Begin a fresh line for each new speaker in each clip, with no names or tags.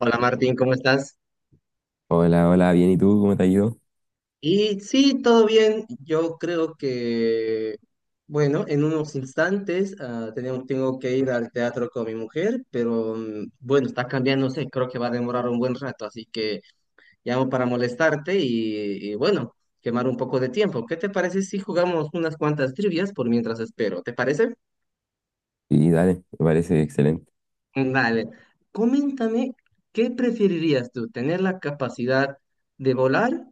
Hola Martín, ¿cómo estás?
Hola, hola, bien, ¿y tú? ¿Cómo te ha ido?
Y sí, todo bien. Yo creo que, bueno, en unos instantes tenemos, tengo que ir al teatro con mi mujer, pero bueno, está cambiándose, creo que va a demorar un buen rato, así que llamo para molestarte y bueno, quemar un poco de tiempo. ¿Qué te parece si jugamos unas cuantas trivias por mientras espero? ¿Te parece?
Sí, dale, me parece excelente.
Vale, coméntame, ¿qué preferirías tú? ¿Tener la capacidad de volar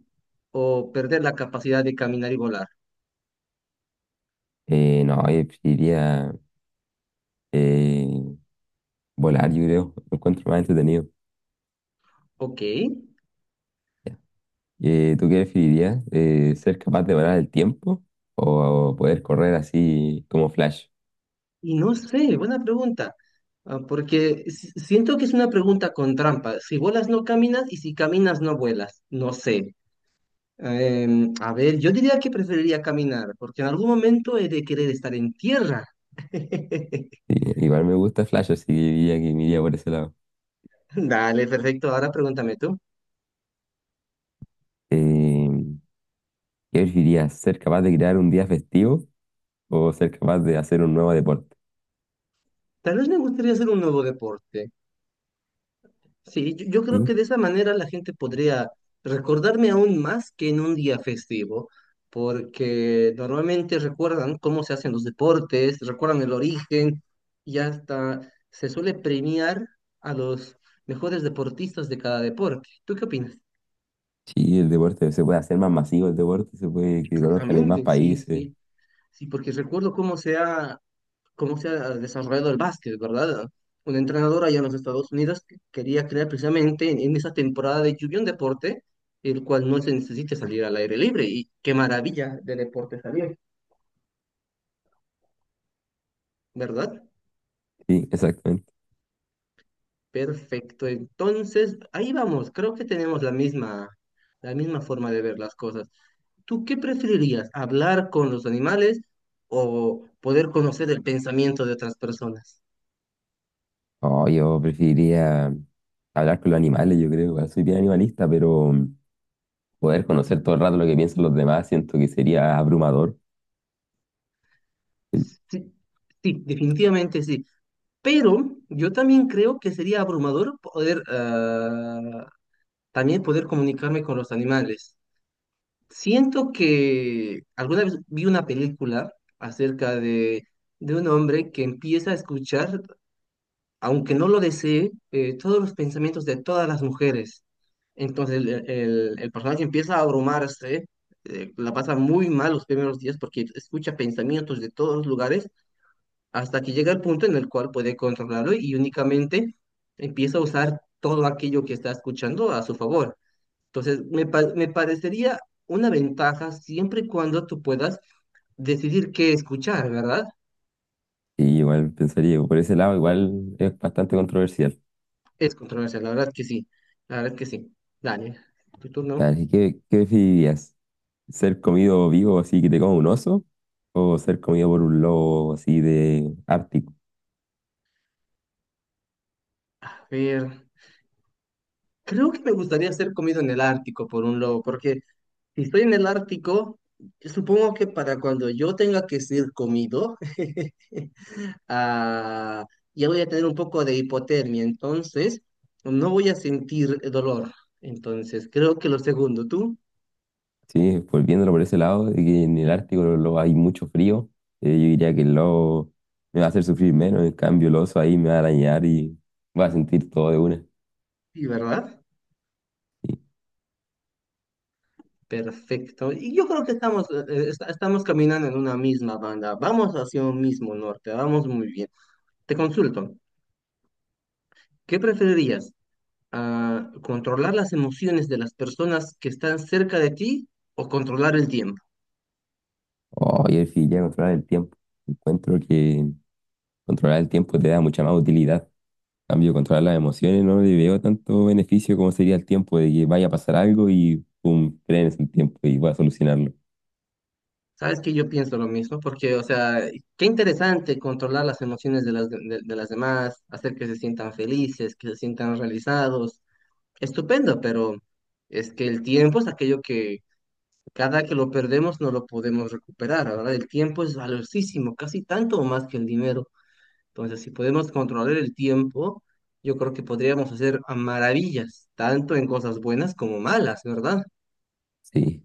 o perder la capacidad de caminar y volar?
No, yo preferiría eh, volar, yo creo, lo encuentro más entretenido.
Ok, y
¿Tú qué preferirías? ¿Ser capaz de volar el tiempo o poder correr así como Flash?
no sé, buena pregunta, ah, porque si- siento que es una pregunta con trampa. Si volas no caminas y si caminas no vuelas, no sé. A ver, yo diría que preferiría caminar, porque en algún momento he de querer estar en tierra.
Sí, igual me gusta Flash, así que diría que me iría por ese lado.
Dale, perfecto, ahora pregúntame tú.
Eh, ¿Qué preferirías? ¿Ser capaz de crear un día festivo o ser capaz de hacer un nuevo deporte?
Tal vez me gustaría hacer un nuevo deporte. Sí, yo creo que
Sí,
de esa manera la gente podría recordarme aún más que en un día festivo, porque normalmente recuerdan cómo se hacen los deportes, recuerdan el origen y hasta se suele premiar a los mejores deportistas de cada deporte. ¿Tú qué opinas?
sí, el deporte se puede hacer más masivo, el deporte se puede que conozcan en más
Exactamente, sí,
países.
sí, sí, porque recuerdo cómo se ha desarrollado el básquet, ¿verdad? Una entrenadora allá en los Estados Unidos que quería crear precisamente en esa temporada de lluvia un deporte el cual no se necesite salir al aire libre. Y qué maravilla de deporte salió, ¿verdad?
Sí, exactamente.
Perfecto. Entonces, ahí vamos. Creo que tenemos la misma forma de ver las cosas. ¿Tú qué preferirías? ¿Hablar con los animales o poder conocer el pensamiento de otras personas?
Oh, yo preferiría hablar con los animales, yo creo. Igual soy bien animalista, pero poder conocer todo el rato lo que piensan los demás, siento que sería abrumador.
Sí, sí, definitivamente sí. Pero yo también creo que sería abrumador poder también poder comunicarme con los animales. Siento que alguna vez vi una película acerca de un hombre que empieza a escuchar, aunque no lo desee, todos los pensamientos de todas las mujeres. Entonces el personaje empieza a abrumarse, la pasa muy mal los primeros días porque escucha pensamientos de todos los lugares hasta que llega el punto en el cual puede controlarlo y únicamente empieza a usar todo aquello que está escuchando a su favor. Entonces, me parecería una ventaja siempre y cuando tú puedas decidir qué escuchar, ¿verdad?
Y igual pensaría, por ese lado, igual es bastante controversial.
Es controversia, la verdad que sí, la verdad que sí. Dale, tu turno.
Así que, ¿qué preferirías? ¿Ser comido vivo así que te coma un oso? ¿O ser comido por un lobo así de Ártico?
A ver, creo que me gustaría ser comido en el Ártico por un lobo, porque si estoy en el Ártico, yo supongo que para cuando yo tenga que ser comido, ah, ya voy a tener un poco de hipotermia, entonces no voy a sentir dolor. Entonces, creo que lo segundo, tú,
Sí, volviéndolo por ese lado, de que en el Ártico hay mucho frío, yo diría que el lobo me va a hacer sufrir menos, en cambio el oso ahí me va a arañar y va a sentir todo de una.
sí, ¿verdad?
Sí.
Perfecto. Y yo creo que estamos, estamos caminando en una misma banda. Vamos hacia un mismo norte, vamos muy bien. Te consulto, ¿qué preferirías? ¿Controlar las emociones de las personas que están cerca de ti o controlar el tiempo?
Oh, y el fin, ya controlar el tiempo. Encuentro que controlar el tiempo te da mucha más utilidad. En cambio, controlar las emociones no le veo tanto beneficio como sería el tiempo de que vaya a pasar algo y pum, frenes el tiempo y voy a solucionarlo.
Sabes que yo pienso lo mismo, porque, o sea, qué interesante controlar las emociones de las demás, hacer que se sientan felices, que se sientan realizados. Estupendo, pero es que el tiempo es aquello que cada que lo perdemos no lo podemos recuperar, ¿verdad? El tiempo es valiosísimo, casi tanto o más que el dinero. Entonces, si podemos controlar el tiempo, yo creo que podríamos hacer a maravillas, tanto en cosas buenas como malas, ¿verdad?
Sí.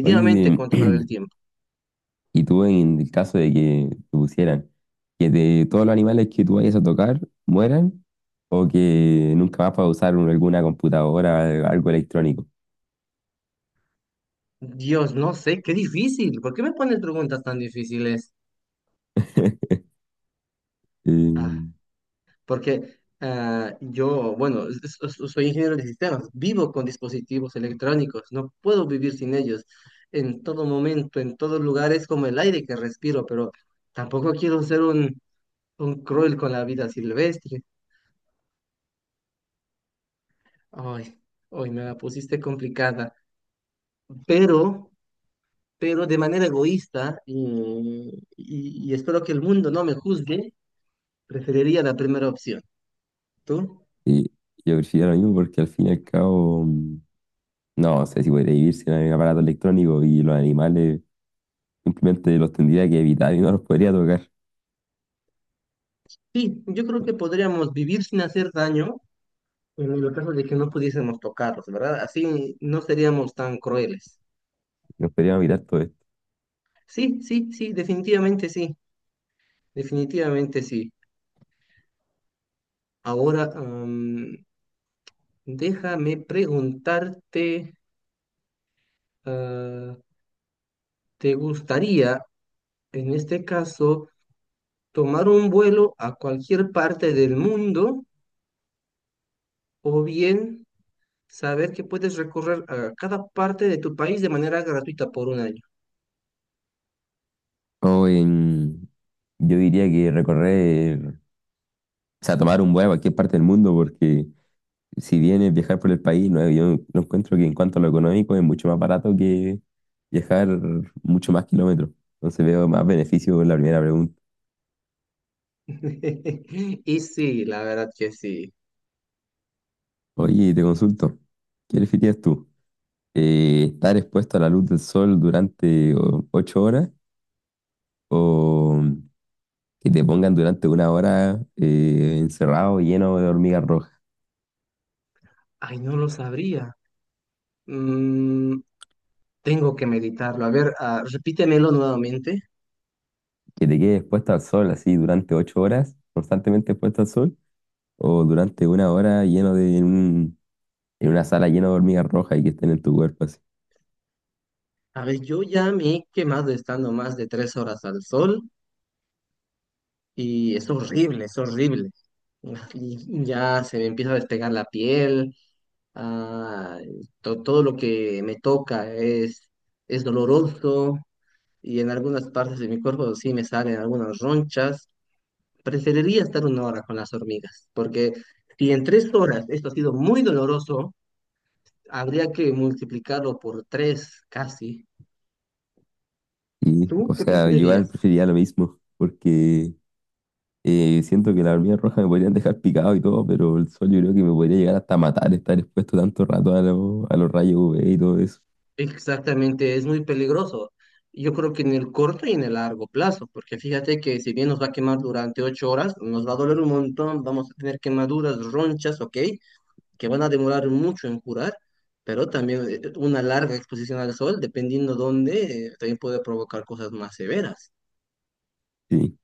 Oye,
controlar el
de-
tiempo.
Y tú, en el caso de que te pusieran, que de todos los animales que tú vayas a tocar mueran, o que nunca más puedas usar alguna computadora, algo electrónico.
Dios, no sé, qué difícil. ¿Por qué me pones preguntas tan difíciles? Ah,
Eh,
yo, bueno, soy ingeniero de sistemas, vivo con dispositivos electrónicos, no puedo vivir sin ellos. En todo momento, en todos lugares, como el aire que respiro, pero tampoco quiero ser un cruel con la vida silvestre. Ay, hoy me la pusiste complicada, pero, pero de manera egoísta y espero que el mundo no me juzgue, preferiría la primera opción. ¿Tú?
y yo prefiero lo mismo porque al fin y al cabo, no sé si podría vivir sin el aparato electrónico y los animales simplemente los tendría que evitar y no los podría tocar,
Sí, yo creo que podríamos vivir sin hacer daño en el caso de que no pudiésemos tocarlos, ¿verdad? Así no seríamos tan crueles.
no podría evitar todo esto.
Sí, sí, sí, definitivamente sí, definitivamente sí. Ahora, déjame preguntarte, ah, ¿te gustaría, en este caso, tomar un vuelo a cualquier parte del mundo o bien saber que puedes recorrer a cada parte de tu país de manera gratuita por un año?
O en, yo diría que recorrer, o sea, tomar un vuelo a cualquier parte del mundo porque si bien es viajar por el país, no, yo no encuentro que en cuanto a lo económico es mucho más barato que viajar mucho más kilómetros. Entonces veo más beneficio en la primera pregunta.
Y sí, la verdad que sí.
Oye, te consulto, ¿qué preferirías tú? ¿Estar expuesto a la luz del sol durante 8 horas o que te pongan durante 1 hora encerrado lleno de hormigas rojas?
Ay, no lo sabría. Mm, tengo que meditarlo. A ver, repítemelo nuevamente.
¿Que te quedes expuesto al sol así durante 8 horas, constantemente expuesto al sol, o durante 1 hora lleno de un en una sala llena de hormigas rojas y que estén en tu cuerpo así?
A ver, yo ya me he quemado estando más de tres horas al sol y es horrible, es horrible. Y ya se me empieza a despegar la piel, ah, todo lo que me toca es doloroso y en algunas partes de mi cuerpo sí me salen algunas ronchas. Preferiría estar una hora con las hormigas, porque si en tres horas esto ha sido muy doloroso, habría que multiplicarlo por tres casi.
Y,
¿Tú
o
qué
sea, yo igual
preferirías?
preferiría lo mismo, porque siento que las hormigas rojas me podrían dejar picado y todo, pero el sol yo creo que me podría llegar hasta matar estar expuesto tanto rato a, a los rayos UV y todo eso.
Exactamente, es muy peligroso. Yo creo que en el corto y en el largo plazo, porque fíjate que si bien nos va a quemar durante ocho horas, nos va a doler un montón, vamos a tener quemaduras, ronchas, ok, que van a demorar mucho en curar, pero también una larga exposición al sol, dependiendo dónde, también puede provocar cosas más severas.
Sí,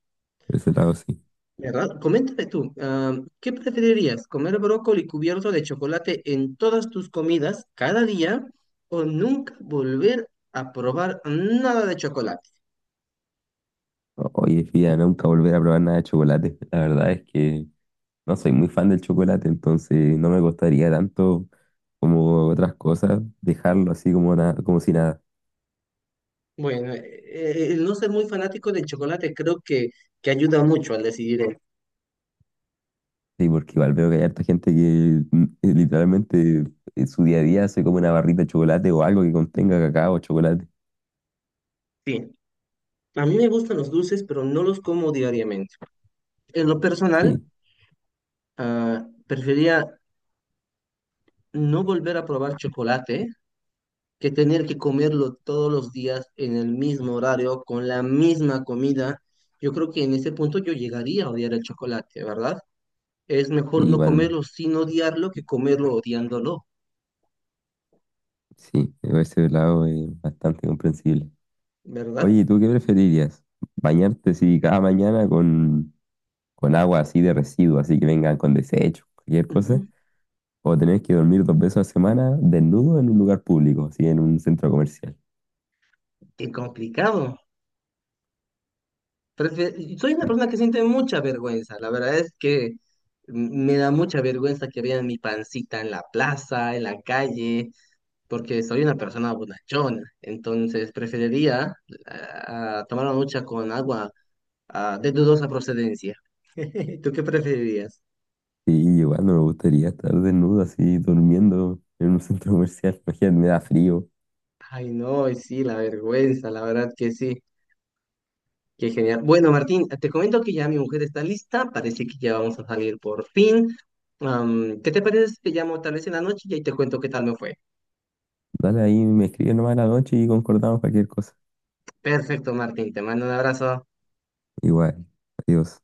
por ese lado sí.
¿Verdad? Coméntame tú, ¿qué preferirías? ¿Comer brócoli cubierto de chocolate en todas tus comidas cada día o nunca volver a probar nada de chocolate?
Oye, fíjate nunca volver a probar nada de chocolate. La verdad es que no soy muy fan del chocolate, entonces no me costaría tanto como otras cosas dejarlo así como, como si nada.
Bueno, el no ser muy fanático del chocolate creo que ayuda mucho al decidir esto.
Sí, porque igual veo que hay harta gente que literalmente en su día a día se come una barrita de chocolate o algo que contenga cacao o chocolate.
Sí, a mí me gustan los dulces, pero no los como diariamente. En lo personal,
Sí,
preferiría no volver a probar chocolate que tener que comerlo todos los días en el mismo horario, con la misma comida, yo creo que en ese punto yo llegaría a odiar el chocolate, ¿verdad? Es mejor
sí,
no
igual,
comerlo sin odiarlo que comerlo odiándolo,
sí, por ese lado es bastante comprensible. Oye,
¿verdad?
¿y tú qué preferirías? ¿Bañarte si cada mañana con agua así de residuos, así que vengan con desechos, cualquier cosa?
Ujú.
¿O tener que dormir 2 veces a la semana desnudo en un lugar público, así en un centro comercial?
Qué complicado. Soy una persona que siente mucha vergüenza. La verdad es que me da mucha vergüenza que vean mi pancita en la plaza, en la calle, porque soy una persona bonachona. Entonces preferiría tomar una ducha con agua de dudosa procedencia. ¿Tú qué preferirías?
Sí, igual no me gustaría estar desnudo así durmiendo en un centro comercial. Imagínate, me da frío.
Ay, no, y sí, la vergüenza, la verdad que sí. Qué genial. Bueno, Martín, te comento que ya mi mujer está lista, parece que ya vamos a salir por fin. ¿Qué te parece si te llamo tal vez en la noche y ahí te cuento qué tal me fue?
Dale ahí, me escribes nomás en la noche y concordamos cualquier cosa.
Perfecto, Martín, te mando un abrazo.
Igual, adiós.